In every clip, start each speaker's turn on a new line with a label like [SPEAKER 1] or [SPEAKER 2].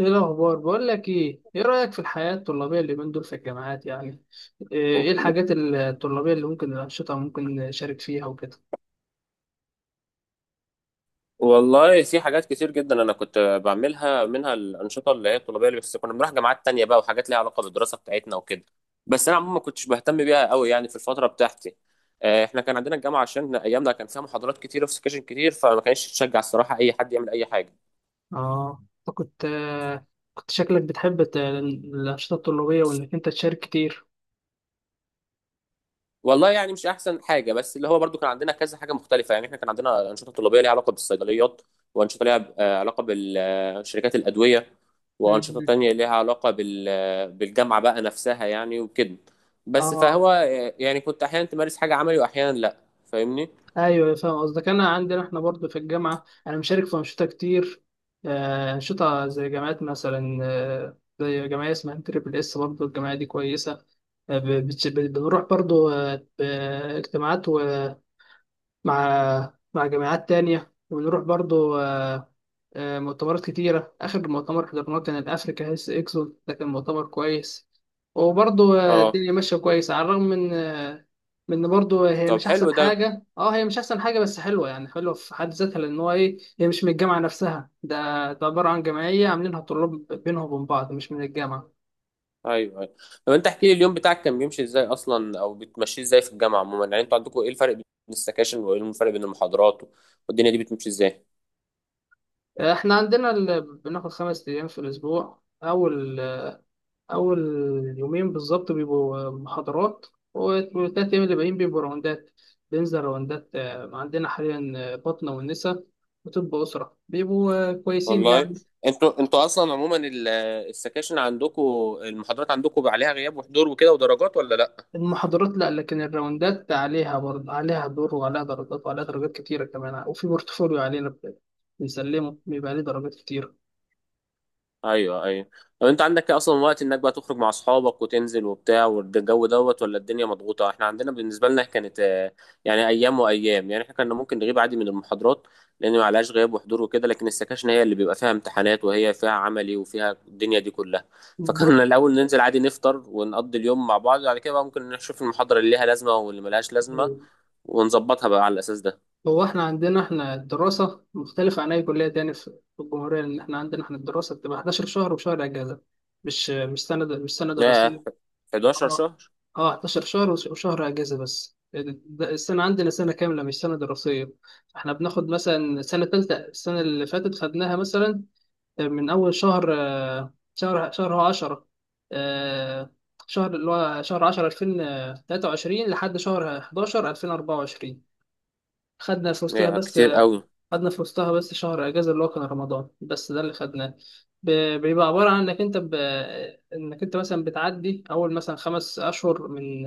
[SPEAKER 1] ايه الاخبار؟ بقول لك، ايه رايك في الحياه الطلابيه اللي من دول في الجامعات يعني؟ ايه؟ إيه
[SPEAKER 2] و-
[SPEAKER 1] الحاجات الطلابيه اللي ممكن، الانشطه ممكن نشارك فيها وكده؟
[SPEAKER 2] والله في حاجات كتير جدا انا كنت بعملها، منها الانشطه اللي هي الطلابيه اللي بس كنا بنروح جامعات تانية بقى، وحاجات ليها علاقه بالدراسه بتاعتنا وكده. بس انا عموما ما كنتش بهتم بيها قوي يعني في الفتره بتاعتي. احنا كان عندنا الجامعه عشان ايامنا كان فيها محاضرات كتيره وسكاشن كتير، فما كانش تشجع الصراحه اي حد يعمل اي حاجه.
[SPEAKER 1] اه، أنت كنت شكلك بتحب الانشطه الطلابيه وانك انت تشارك كتير.
[SPEAKER 2] والله يعني مش احسن حاجه، بس اللي هو برضو كان عندنا كذا حاجه مختلفه. يعني احنا كان عندنا انشطه طلابيه ليها علاقه بالصيدليات، وانشطه ليها علاقه بالشركات الادويه، وانشطه
[SPEAKER 1] مم.
[SPEAKER 2] تانية ليها علاقه بالجامعه بقى نفسها يعني وكده. بس
[SPEAKER 1] اه،
[SPEAKER 2] فهو يعني كنت احيانا تمارس حاجه عملي واحيانا لا. فاهمني؟
[SPEAKER 1] ايوه، أيوة، فاهم قصدك. انا عندنا احنا برضو في الجامعه، انا مشارك في انشطه كتير. انشطه زي جامعات مثلا، زي جمعيه اسمها تريبل اس، برضو الجمعيه دي كويسه. بنروح برضو اجتماعات مع جامعات تانية، وبنروح برضو مؤتمرات كتيرة. آخر مؤتمر حضرناه كان الأفريكا هيلث إكسبو، ده كان مؤتمر كويس. وبرضو
[SPEAKER 2] اه.
[SPEAKER 1] الدنيا ماشية كويس، على الرغم من من إن برضو هي
[SPEAKER 2] طب
[SPEAKER 1] مش
[SPEAKER 2] حلو
[SPEAKER 1] أحسن
[SPEAKER 2] ده.
[SPEAKER 1] حاجة. هي مش أحسن حاجة، بس حلوة يعني، حلوة في حد ذاتها، لأن هو إيه، هي مش من الجامعة نفسها. ده عبارة عن جمعية عاملينها طلاب بينهم وبين بعض، مش من الجامعة.
[SPEAKER 2] ايوه ايوه. طب انت احكي لي اليوم بتاعك كان بيمشي ازاي اصلا، او بتمشيه ازاي في الجامعه عموما؟ يعني انتوا عندكم ايه الفرق بين السكاشن وايه الفرق بين المحاضرات والدنيا دي بتمشي ازاي؟
[SPEAKER 1] إحنا عندنا بناخد 5 أيام في الأسبوع. أول يومين بالظبط بيبقوا محاضرات، والتلات أيام اللي باقيين بيبقوا راوندات. بننزل راوندات. عندنا حاليا باطنة والنسا وطب أسرة، بيبقوا كويسين
[SPEAKER 2] والله.
[SPEAKER 1] يعني.
[SPEAKER 2] انتوا اصلا عموما السكاشن عندكم، المحاضرات عندكم عليها غياب وحضور وكده ودرجات ولا لا؟
[SPEAKER 1] المحاضرات لأ، لكن الراوندات عليها برضه، عليها دور وعليها درجات، وعليها درجات كتيرة كمان. وفي بورتفوليو علينا بنسلمه بيبقى عليه درجات كتيرة.
[SPEAKER 2] ايوه ايوه. طب انت عندك اصلا وقت انك بقى تخرج مع اصحابك وتنزل وبتاع والجو دوت، ولا الدنيا مضغوطه؟ احنا عندنا، بالنسبه لنا كانت يعني ايام وايام. يعني احنا كنا ممكن نغيب عادي من المحاضرات لان ما عليهاش غياب وحضور وكده، لكن السكاشن هي اللي بيبقى فيها امتحانات وهي فيها عملي وفيها الدنيا دي كلها.
[SPEAKER 1] بص،
[SPEAKER 2] فكنا الاول ننزل عادي نفطر ونقضي اليوم مع بعض، بعد كده بقى ممكن نشوف المحاضره اللي ليها لازمه واللي ملهاش لازمه ونظبطها بقى على الأساس ده.
[SPEAKER 1] هو احنا عندنا احنا الدراسة مختلفة عن أي كلية تاني في الجمهورية، لأن احنا عندنا احنا الدراسة بتبقى 11 شهر وشهر أجازة. مش سنة، مش سنة دراسية.
[SPEAKER 2] ياه. 11
[SPEAKER 1] اه،
[SPEAKER 2] شهر؟
[SPEAKER 1] اه، 11 شهر وشهر أجازة، بس ده السنة عندنا سنة كاملة، مش سنة دراسية. احنا بناخد مثلا سنة تالتة، السنة اللي فاتت خدناها مثلا من أول شهر هو 10. آه، شهر اللي هو شهر 10 2023 لحد شهر 11 2024. خدنا في وسطها
[SPEAKER 2] ياه
[SPEAKER 1] بس.
[SPEAKER 2] كتير قوي.
[SPEAKER 1] خدنا في وسطها بس شهر اجازه اللي هو كان رمضان، بس ده اللي خدناه. بيبقى عباره عن انك انت مثلا بتعدي اول مثلا خمس اشهر من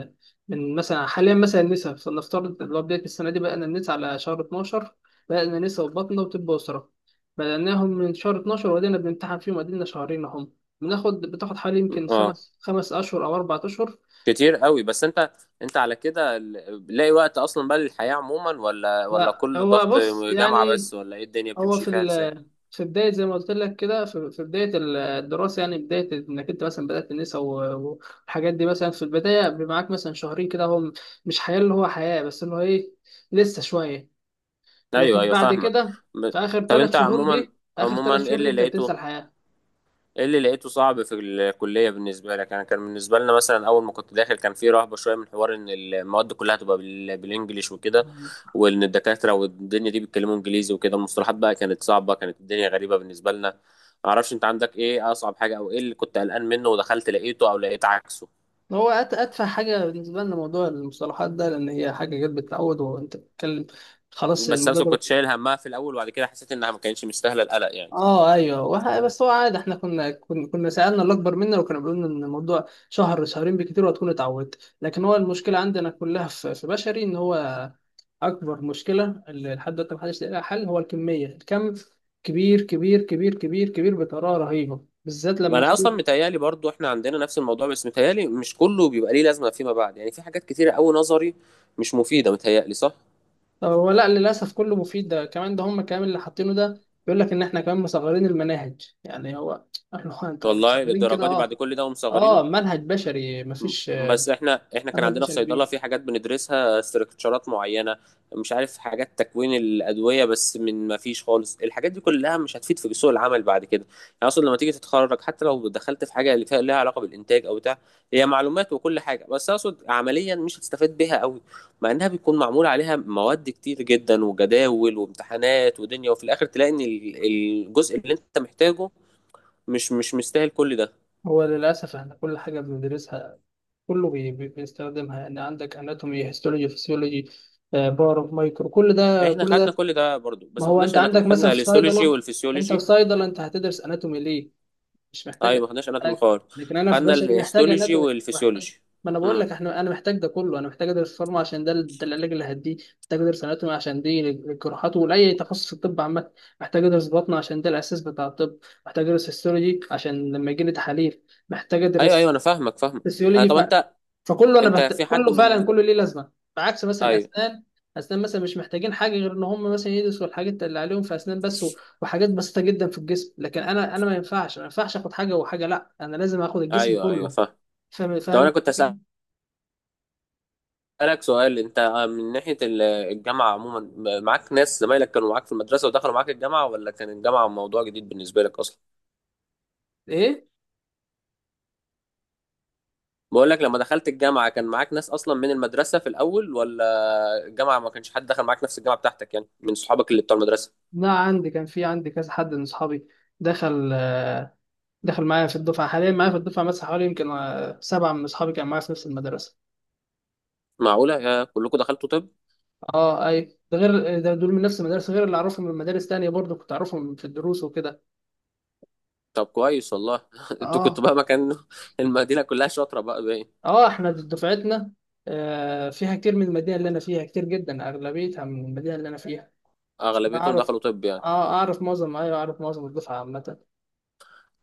[SPEAKER 1] من مثلا، حاليا مثلا النسا، فلنفترض اللي هو بدايه السنه دي بدأنا النسا على شهر 12. بدأنا نسا وبطنه وطب اسره، بدأناهم من شهر 12 وبدأنا بنمتحن فيهم، وادينا شهرين اهم. بناخد، بتاخد حوالي يمكن
[SPEAKER 2] اه
[SPEAKER 1] خمس اشهر او اربع اشهر.
[SPEAKER 2] كتير قوي. بس انت على كده لاقي وقت اصلا بقى للحياة عموما، ولا
[SPEAKER 1] لا،
[SPEAKER 2] كل
[SPEAKER 1] هو
[SPEAKER 2] ضغط
[SPEAKER 1] بص
[SPEAKER 2] جامعة
[SPEAKER 1] يعني،
[SPEAKER 2] بس؟ ولا ايه الدنيا
[SPEAKER 1] هو
[SPEAKER 2] بتمشي
[SPEAKER 1] في
[SPEAKER 2] فيها ازاي؟
[SPEAKER 1] في بداية، زي ما قلت لك كده، في بداية الدراسة، يعني بداية إنك أنت مثلا بدأت النسا والحاجات دي، مثلا في البداية بيبقى معاك مثلا شهرين كده، هو مش حياة، اللي هو حياة بس، اللي هو لسه شوية. لكن
[SPEAKER 2] ايوه ايوه
[SPEAKER 1] بعد
[SPEAKER 2] فاهمك.
[SPEAKER 1] كده،
[SPEAKER 2] ب-
[SPEAKER 1] في آخر
[SPEAKER 2] طب
[SPEAKER 1] ثلاث
[SPEAKER 2] انت
[SPEAKER 1] شهور
[SPEAKER 2] عموما،
[SPEAKER 1] دي، آخر
[SPEAKER 2] عموما
[SPEAKER 1] ثلاث
[SPEAKER 2] ايه
[SPEAKER 1] شهور دي
[SPEAKER 2] اللي
[SPEAKER 1] أنت
[SPEAKER 2] لقيته،
[SPEAKER 1] بتنسى الحياة.
[SPEAKER 2] ايه اللي لقيته صعب في الكلية بالنسبة لك؟ انا كان بالنسبة لنا مثلا اول ما كنت داخل كان في رهبة شوية من حوار ان المواد كلها تبقى بالانجليش وكده، وان الدكاترة والدنيا دي بيتكلموا انجليزي وكده. المصطلحات بقى كانت صعبة، كانت الدنيا غريبة بالنسبة لنا. معرفش انت عندك ايه اصعب حاجة، او ايه اللي كنت قلقان منه ودخلت لقيته او لقيت عكسه.
[SPEAKER 1] هو أتفه حاجة بالنسبة لنا موضوع المصطلحات ده، لأن هي حاجة جت بالتعود، وأنت بتتكلم خلاص
[SPEAKER 2] بس
[SPEAKER 1] الموضوع
[SPEAKER 2] انا كنت
[SPEAKER 1] ده.
[SPEAKER 2] شايل همها في الاول، وبعد كده حسيت انها ما كانتش مستاهلة القلق يعني.
[SPEAKER 1] اه، ايوه، بس هو عادي، احنا كنا سالنا اللي اكبر منا، وكانوا بيقولوا لنا ان الموضوع شهر شهرين بكتير وهتكون اتعودت. لكن هو المشكله عندنا كلها في بشري، ان هو اكبر مشكله اللي لحد دلوقتي محدش لاقي لها حل، هو الكميه، الكم كبير كبير كبير كبير كبير بطريقه رهيبه، بالذات
[SPEAKER 2] ما
[SPEAKER 1] لما
[SPEAKER 2] انا
[SPEAKER 1] خل
[SPEAKER 2] اصلا متهيالي برضو احنا عندنا نفس الموضوع، بس متهيالي مش كله بيبقى ليه لازمة فيما بعد. يعني في حاجات كتيرة قوي نظري مش مفيدة، متهيألي، صح؟
[SPEAKER 1] هو لا، للاسف كله مفيد، ده كمان، ده هم كمان اللي حاطينه ده، بيقول لك ان احنا كمان مصغرين المناهج، يعني هو احنا، هو انتوا
[SPEAKER 2] والله
[SPEAKER 1] مصغرين كده؟
[SPEAKER 2] للدرجه دي؟ بعد
[SPEAKER 1] اه،
[SPEAKER 2] كل ده ومصغرينه؟
[SPEAKER 1] اه، منهج بشري مفيش،
[SPEAKER 2] بس احنا كان
[SPEAKER 1] منهج
[SPEAKER 2] عندنا في
[SPEAKER 1] بشري
[SPEAKER 2] صيدله
[SPEAKER 1] كبير.
[SPEAKER 2] في حاجات بندرسها استراكشرات معينه، مش عارف، حاجات تكوين الادويه. بس من ما فيش خالص. الحاجات دي كلها مش هتفيد في سوق العمل بعد كده. يعني اصلا لما تيجي تتخرج حتى لو دخلت في حاجه اللي فيها لها علاقه بالانتاج او بتاع، هي معلومات وكل حاجه، بس اقصد عمليا مش هتستفاد بيها قوي، مع انها بيكون معمول عليها مواد كتير جدا وجداول وامتحانات ودنيا، وفي الاخر تلاقي ان الجزء اللي انت محتاجه مش مستاهل كل ده.
[SPEAKER 1] هو للأسف احنا كل حاجة بندرسها، كله بيستخدمها، يعني عندك اناتومي، هيستولوجي، فسيولوجي، باور، مايكرو، كل ده
[SPEAKER 2] احنا
[SPEAKER 1] كل
[SPEAKER 2] خدنا
[SPEAKER 1] ده.
[SPEAKER 2] كل ده برضو،
[SPEAKER 1] ما
[SPEAKER 2] بس ما
[SPEAKER 1] هو
[SPEAKER 2] خدناش
[SPEAKER 1] انت
[SPEAKER 2] اناتومي،
[SPEAKER 1] عندك مثلا
[SPEAKER 2] خدنا
[SPEAKER 1] في
[SPEAKER 2] الهيستولوجي
[SPEAKER 1] صيدلة، انت في
[SPEAKER 2] والفسيولوجي.
[SPEAKER 1] صيدلة انت هتدرس اناتومي ليه؟ مش
[SPEAKER 2] ايوه ما
[SPEAKER 1] محتاجة.
[SPEAKER 2] خدناش اناتومي
[SPEAKER 1] محتاج.
[SPEAKER 2] خالص.
[SPEAKER 1] لكن انا في
[SPEAKER 2] خدنا
[SPEAKER 1] بشري محتاج
[SPEAKER 2] الهيستولوجي
[SPEAKER 1] اناتومي، محتاج.
[SPEAKER 2] والفسيولوجي.
[SPEAKER 1] ما انا بقول
[SPEAKER 2] امم.
[SPEAKER 1] لك احنا، انا محتاج ده كله. انا محتاج ادرس فارما عشان ده، ده العلاج اللي هديه. محتاج ادرس اناتومي عشان دي الجراحات، ولاي تخصص في الطب عامة. محتاج ادرس بطن عشان ده الاساس بتاع الطب. محتاج ادرس هيستولوجي عشان لما يجي لي تحاليل. محتاج
[SPEAKER 2] ايوه ايوه
[SPEAKER 1] ادرس
[SPEAKER 2] انا فاهمك. آه
[SPEAKER 1] فسيولوجي
[SPEAKER 2] طب انت
[SPEAKER 1] فكله،
[SPEAKER 2] انت في حد
[SPEAKER 1] كله فعلا،
[SPEAKER 2] من؟
[SPEAKER 1] كله ليه لازمه. بعكس مثلا
[SPEAKER 2] ايوه.
[SPEAKER 1] اسنان، اسنان مثلا مش محتاجين حاجه غير ان هم مثلا يدرسوا الحاجات اللي عليهم في اسنان بس، وحاجات بسيطه جدا في الجسم. لكن انا ما ينفعش، انا ما ينفعش اخد حاجه وحاجه، لا، انا لازم اخد الجسم
[SPEAKER 2] ايوه ايوه
[SPEAKER 1] كله.
[SPEAKER 2] فاهم.
[SPEAKER 1] فاهم،
[SPEAKER 2] طب
[SPEAKER 1] فاهم
[SPEAKER 2] انا
[SPEAKER 1] أنت
[SPEAKER 2] كنت
[SPEAKER 1] الفكرة؟
[SPEAKER 2] اسالك سؤال. انت من ناحيه الجامعه عموما، معاك ناس زمايلك كانوا معاك في المدرسه ودخلوا معاك الجامعه، ولا كان الجامعه موضوع جديد بالنسبه لك اصلا؟
[SPEAKER 1] ايه؟
[SPEAKER 2] بقول لك لما دخلت الجامعه كان معاك ناس اصلا من المدرسه في الاول، ولا الجامعه ما كانش حد دخل معاك نفس الجامعه بتاعتك يعني، من صحابك اللي بتوع المدرسه؟
[SPEAKER 1] لا، عندي كان في، عندي كذا حد من اصحابي دخل دخل معايا في الدفعه. حاليا معايا في الدفعه مثلا حوالي يمكن سبعه من اصحابي كانوا معايا في نفس المدرسه.
[SPEAKER 2] معقولة؟ يا كلكم دخلتوا طب.
[SPEAKER 1] اه، اي، ده غير، ده دول من نفس المدرسه، غير اللي اعرفهم من مدارس تانية برضه كنت اعرفهم في الدروس وكده.
[SPEAKER 2] طب كويس والله انتوا كنتوا
[SPEAKER 1] اه،
[SPEAKER 2] بقى مكان المدينة كلها شاطرة بقى، باين.
[SPEAKER 1] اه، احنا دفعتنا فيها كتير من المدينه اللي انا فيها، كتير جدا، اغلبيتها من المدينه اللي انا فيها. انا
[SPEAKER 2] اغلبيتهم
[SPEAKER 1] اعرف،
[SPEAKER 2] دخلوا طب يعني؟
[SPEAKER 1] اه، اعرف معظم، ايوه اعرف معظم الدفعه عامه.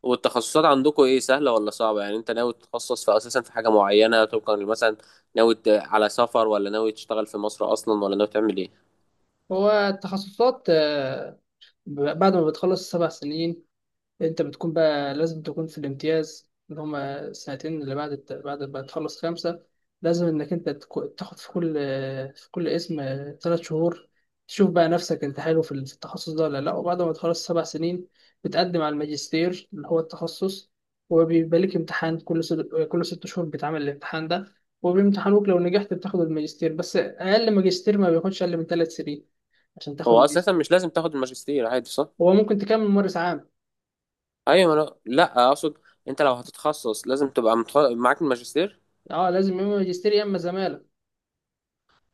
[SPEAKER 2] والتخصصات عندكم ايه، سهلة ولا صعبة؟ يعني انت ناوي تتخصص في اساسا في حاجة معينة طبقا مثلا؟ ناوي على سفر، ولا ناوي تشتغل في مصر اصلا، ولا ناوي تعمل ايه؟
[SPEAKER 1] هو التخصصات، بعد ما بتخلص السبع سنين، انت بتكون بقى لازم تكون في الامتياز، اللي هما السنتين اللي بعد بعد ما تخلص خمسة. لازم انك انت تاخد في كل اسم 3 شهور، تشوف بقى نفسك انت حلو في التخصص ده ولا لا. وبعد ما تخلص سبع سنين، بتقدم على الماجستير اللي هو التخصص. وبيبقى لك امتحان كل 6 شهور، بتعمل الامتحان ده. وبيمتحنوك، لو نجحت بتاخد الماجستير. بس اقل ماجستير ما بياخدش اقل من 3 سنين عشان تاخد
[SPEAKER 2] هو اساسا
[SPEAKER 1] ماجستير.
[SPEAKER 2] مش لازم تاخد الماجستير عادي، صح؟
[SPEAKER 1] هو ممكن تكمل ممارس عام.
[SPEAKER 2] ايوه، لا لا اقصد، انت لو هتتخصص لازم تبقى معاك الماجستير.
[SPEAKER 1] اه، لازم يا اما ماجستير يا اما زمالة.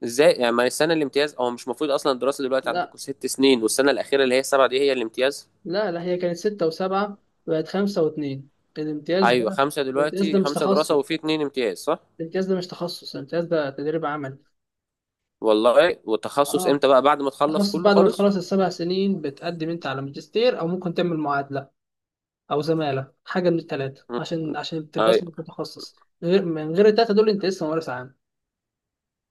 [SPEAKER 2] ازاي يعني؟ ما السنة الامتياز، او مش المفروض اصلا الدراسة دلوقتي
[SPEAKER 1] لا،
[SPEAKER 2] عندكم ست سنين والسنة الاخيرة اللي هي السبعة دي هي الامتياز؟
[SPEAKER 1] لا، لا، هي كانت ستة وسبعة، بقت خمسة واتنين. الامتياز
[SPEAKER 2] ايوه،
[SPEAKER 1] ده،
[SPEAKER 2] خمسه
[SPEAKER 1] الامتياز ده
[SPEAKER 2] دلوقتي،
[SPEAKER 1] مش
[SPEAKER 2] خمسه دراسه
[SPEAKER 1] تخصص،
[SPEAKER 2] وفي اتنين امتياز، صح؟
[SPEAKER 1] الامتياز ده مش تخصص، الامتياز ده تدريب عمل.
[SPEAKER 2] والله. والتخصص
[SPEAKER 1] اه،
[SPEAKER 2] امتى بقى، بعد ما تخلص
[SPEAKER 1] تخصص
[SPEAKER 2] كله
[SPEAKER 1] بعد ما
[SPEAKER 2] خالص؟
[SPEAKER 1] تخلص السبع سنين، بتقدم انت على ماجستير، او ممكن تعمل معادلة، او زمالة، حاجة من التلاتة عشان تبقى
[SPEAKER 2] ايوه.
[SPEAKER 1] اسمك متخصص. غير من غير التلاتة دول، انت لسه ممارس عام.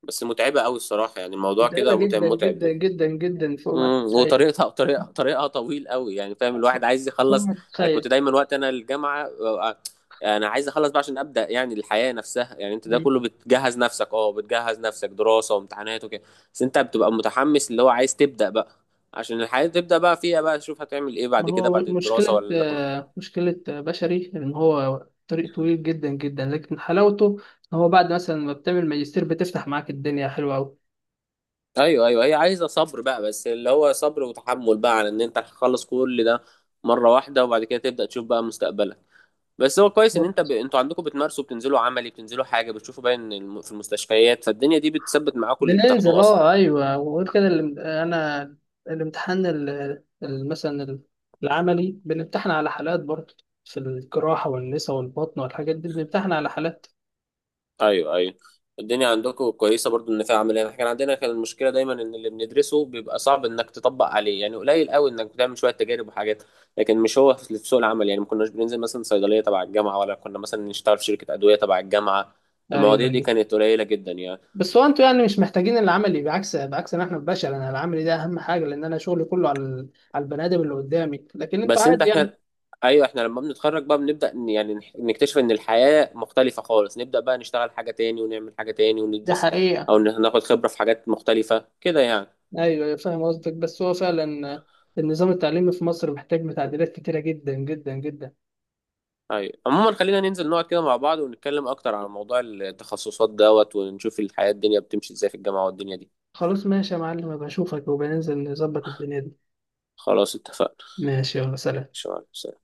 [SPEAKER 2] بس متعبه قوي الصراحه يعني، الموضوع
[SPEAKER 1] متعبة
[SPEAKER 2] كده متعب
[SPEAKER 1] جدا
[SPEAKER 2] متعب
[SPEAKER 1] جدا
[SPEAKER 2] يعني.
[SPEAKER 1] جدا جدا، فوق ما
[SPEAKER 2] امم.
[SPEAKER 1] تتخيل.
[SPEAKER 2] وطريقتها طريقها طويل قوي يعني، فاهم؟ الواحد عايز
[SPEAKER 1] فوق
[SPEAKER 2] يخلص.
[SPEAKER 1] ما
[SPEAKER 2] انا كنت
[SPEAKER 1] تتخيل.
[SPEAKER 2] دايما وقت انا الجامعه، انا عايز اخلص بقى عشان ابدا يعني الحياه نفسها. يعني انت ده كله بتجهز نفسك، اه بتجهز نفسك دراسه وامتحانات وكده، بس انت بتبقى متحمس اللي هو عايز تبدا بقى، عشان الحياه تبدا بقى فيها بقى، تشوف هتعمل ايه
[SPEAKER 1] ما
[SPEAKER 2] بعد كده
[SPEAKER 1] هو
[SPEAKER 2] بعد الدراسه
[SPEAKER 1] مشكلة
[SPEAKER 2] ولا.
[SPEAKER 1] آه، مشكلة بشري إن هو طريق طويل جدا جدا، لكن حلاوته إن هو بعد مثلا ما بتعمل ماجستير بتفتح معاك الدنيا حلوة أوي.
[SPEAKER 2] ايوه ايوه. هي عايزه صبر بقى، بس اللي هو صبر وتحمل بقى على ان انت هتخلص كل ده مره واحده، وبعد كده تبدا تشوف بقى مستقبلك. بس هو كويس ان انت
[SPEAKER 1] بالظبط.
[SPEAKER 2] انتوا عندكم بتمارسوا، بتنزلوا عملي، بتنزلوا حاجه بتشوفوا، باين في المستشفيات، فالدنيا دي بتثبت معاكم اللي
[SPEAKER 1] بننزل.
[SPEAKER 2] بتاخدوه اصلا.
[SPEAKER 1] أه، أيوه، وغير كده أنا الامتحان مثلا العملي بنمتحن على حالات برضه، في الجراحة والنسا والبطن والحاجات دي بنمتحن على حالات.
[SPEAKER 2] ايوه ايوه. الدنيا عندكم كويسه برضو ان فيها عمليه. احنا كان عندنا كان المشكله دايما ان اللي بندرسه بيبقى صعب انك تطبق عليه يعني. قليل قوي انك بتعمل شويه تجارب وحاجات، لكن مش هو في سوق العمل. يعني ما كناش بننزل مثلا صيدليه تبع الجامعه، ولا كنا مثلا نشتغل في شركه ادويه تبع الجامعه.
[SPEAKER 1] أيوه،
[SPEAKER 2] المواضيع دي
[SPEAKER 1] أيوه،
[SPEAKER 2] كانت قليله جدا يعني.
[SPEAKER 1] بس هو انتوا يعني مش محتاجين العملي، بعكس ان احنا البشر، انا العملي ده اهم حاجه، لان انا شغلي كله على على البني ادم اللي قدامي، لكن انتوا
[SPEAKER 2] بس انت،
[SPEAKER 1] عادي يعني.
[SPEAKER 2] احنا، ايوه احنا لما بنتخرج بقى بنبدا يعني نكتشف ان الحياه مختلفه خالص، نبدا بقى نشتغل حاجه تاني ونعمل حاجه تاني
[SPEAKER 1] ده
[SPEAKER 2] وندرس،
[SPEAKER 1] حقيقة.
[SPEAKER 2] او ناخد خبره في حاجات مختلفه كده يعني.
[SPEAKER 1] ايوه، أيوة، فاهم قصدك. بس هو فعلا النظام التعليمي في مصر محتاج تعديلات كتيره جدا جدا جدا.
[SPEAKER 2] ايوه. عموما خلينا ننزل نقعد كده مع بعض ونتكلم اكتر عن موضوع التخصصات دوت، ونشوف الحياة الدنيا بتمشي ازاي في الجامعة والدنيا دي.
[SPEAKER 1] خلاص ماشي يا معلم، بشوفك، وبننزل نظبط الدنيا دي.
[SPEAKER 2] خلاص اتفقنا.
[SPEAKER 1] ماشي، يلا سلام.
[SPEAKER 2] شكرا.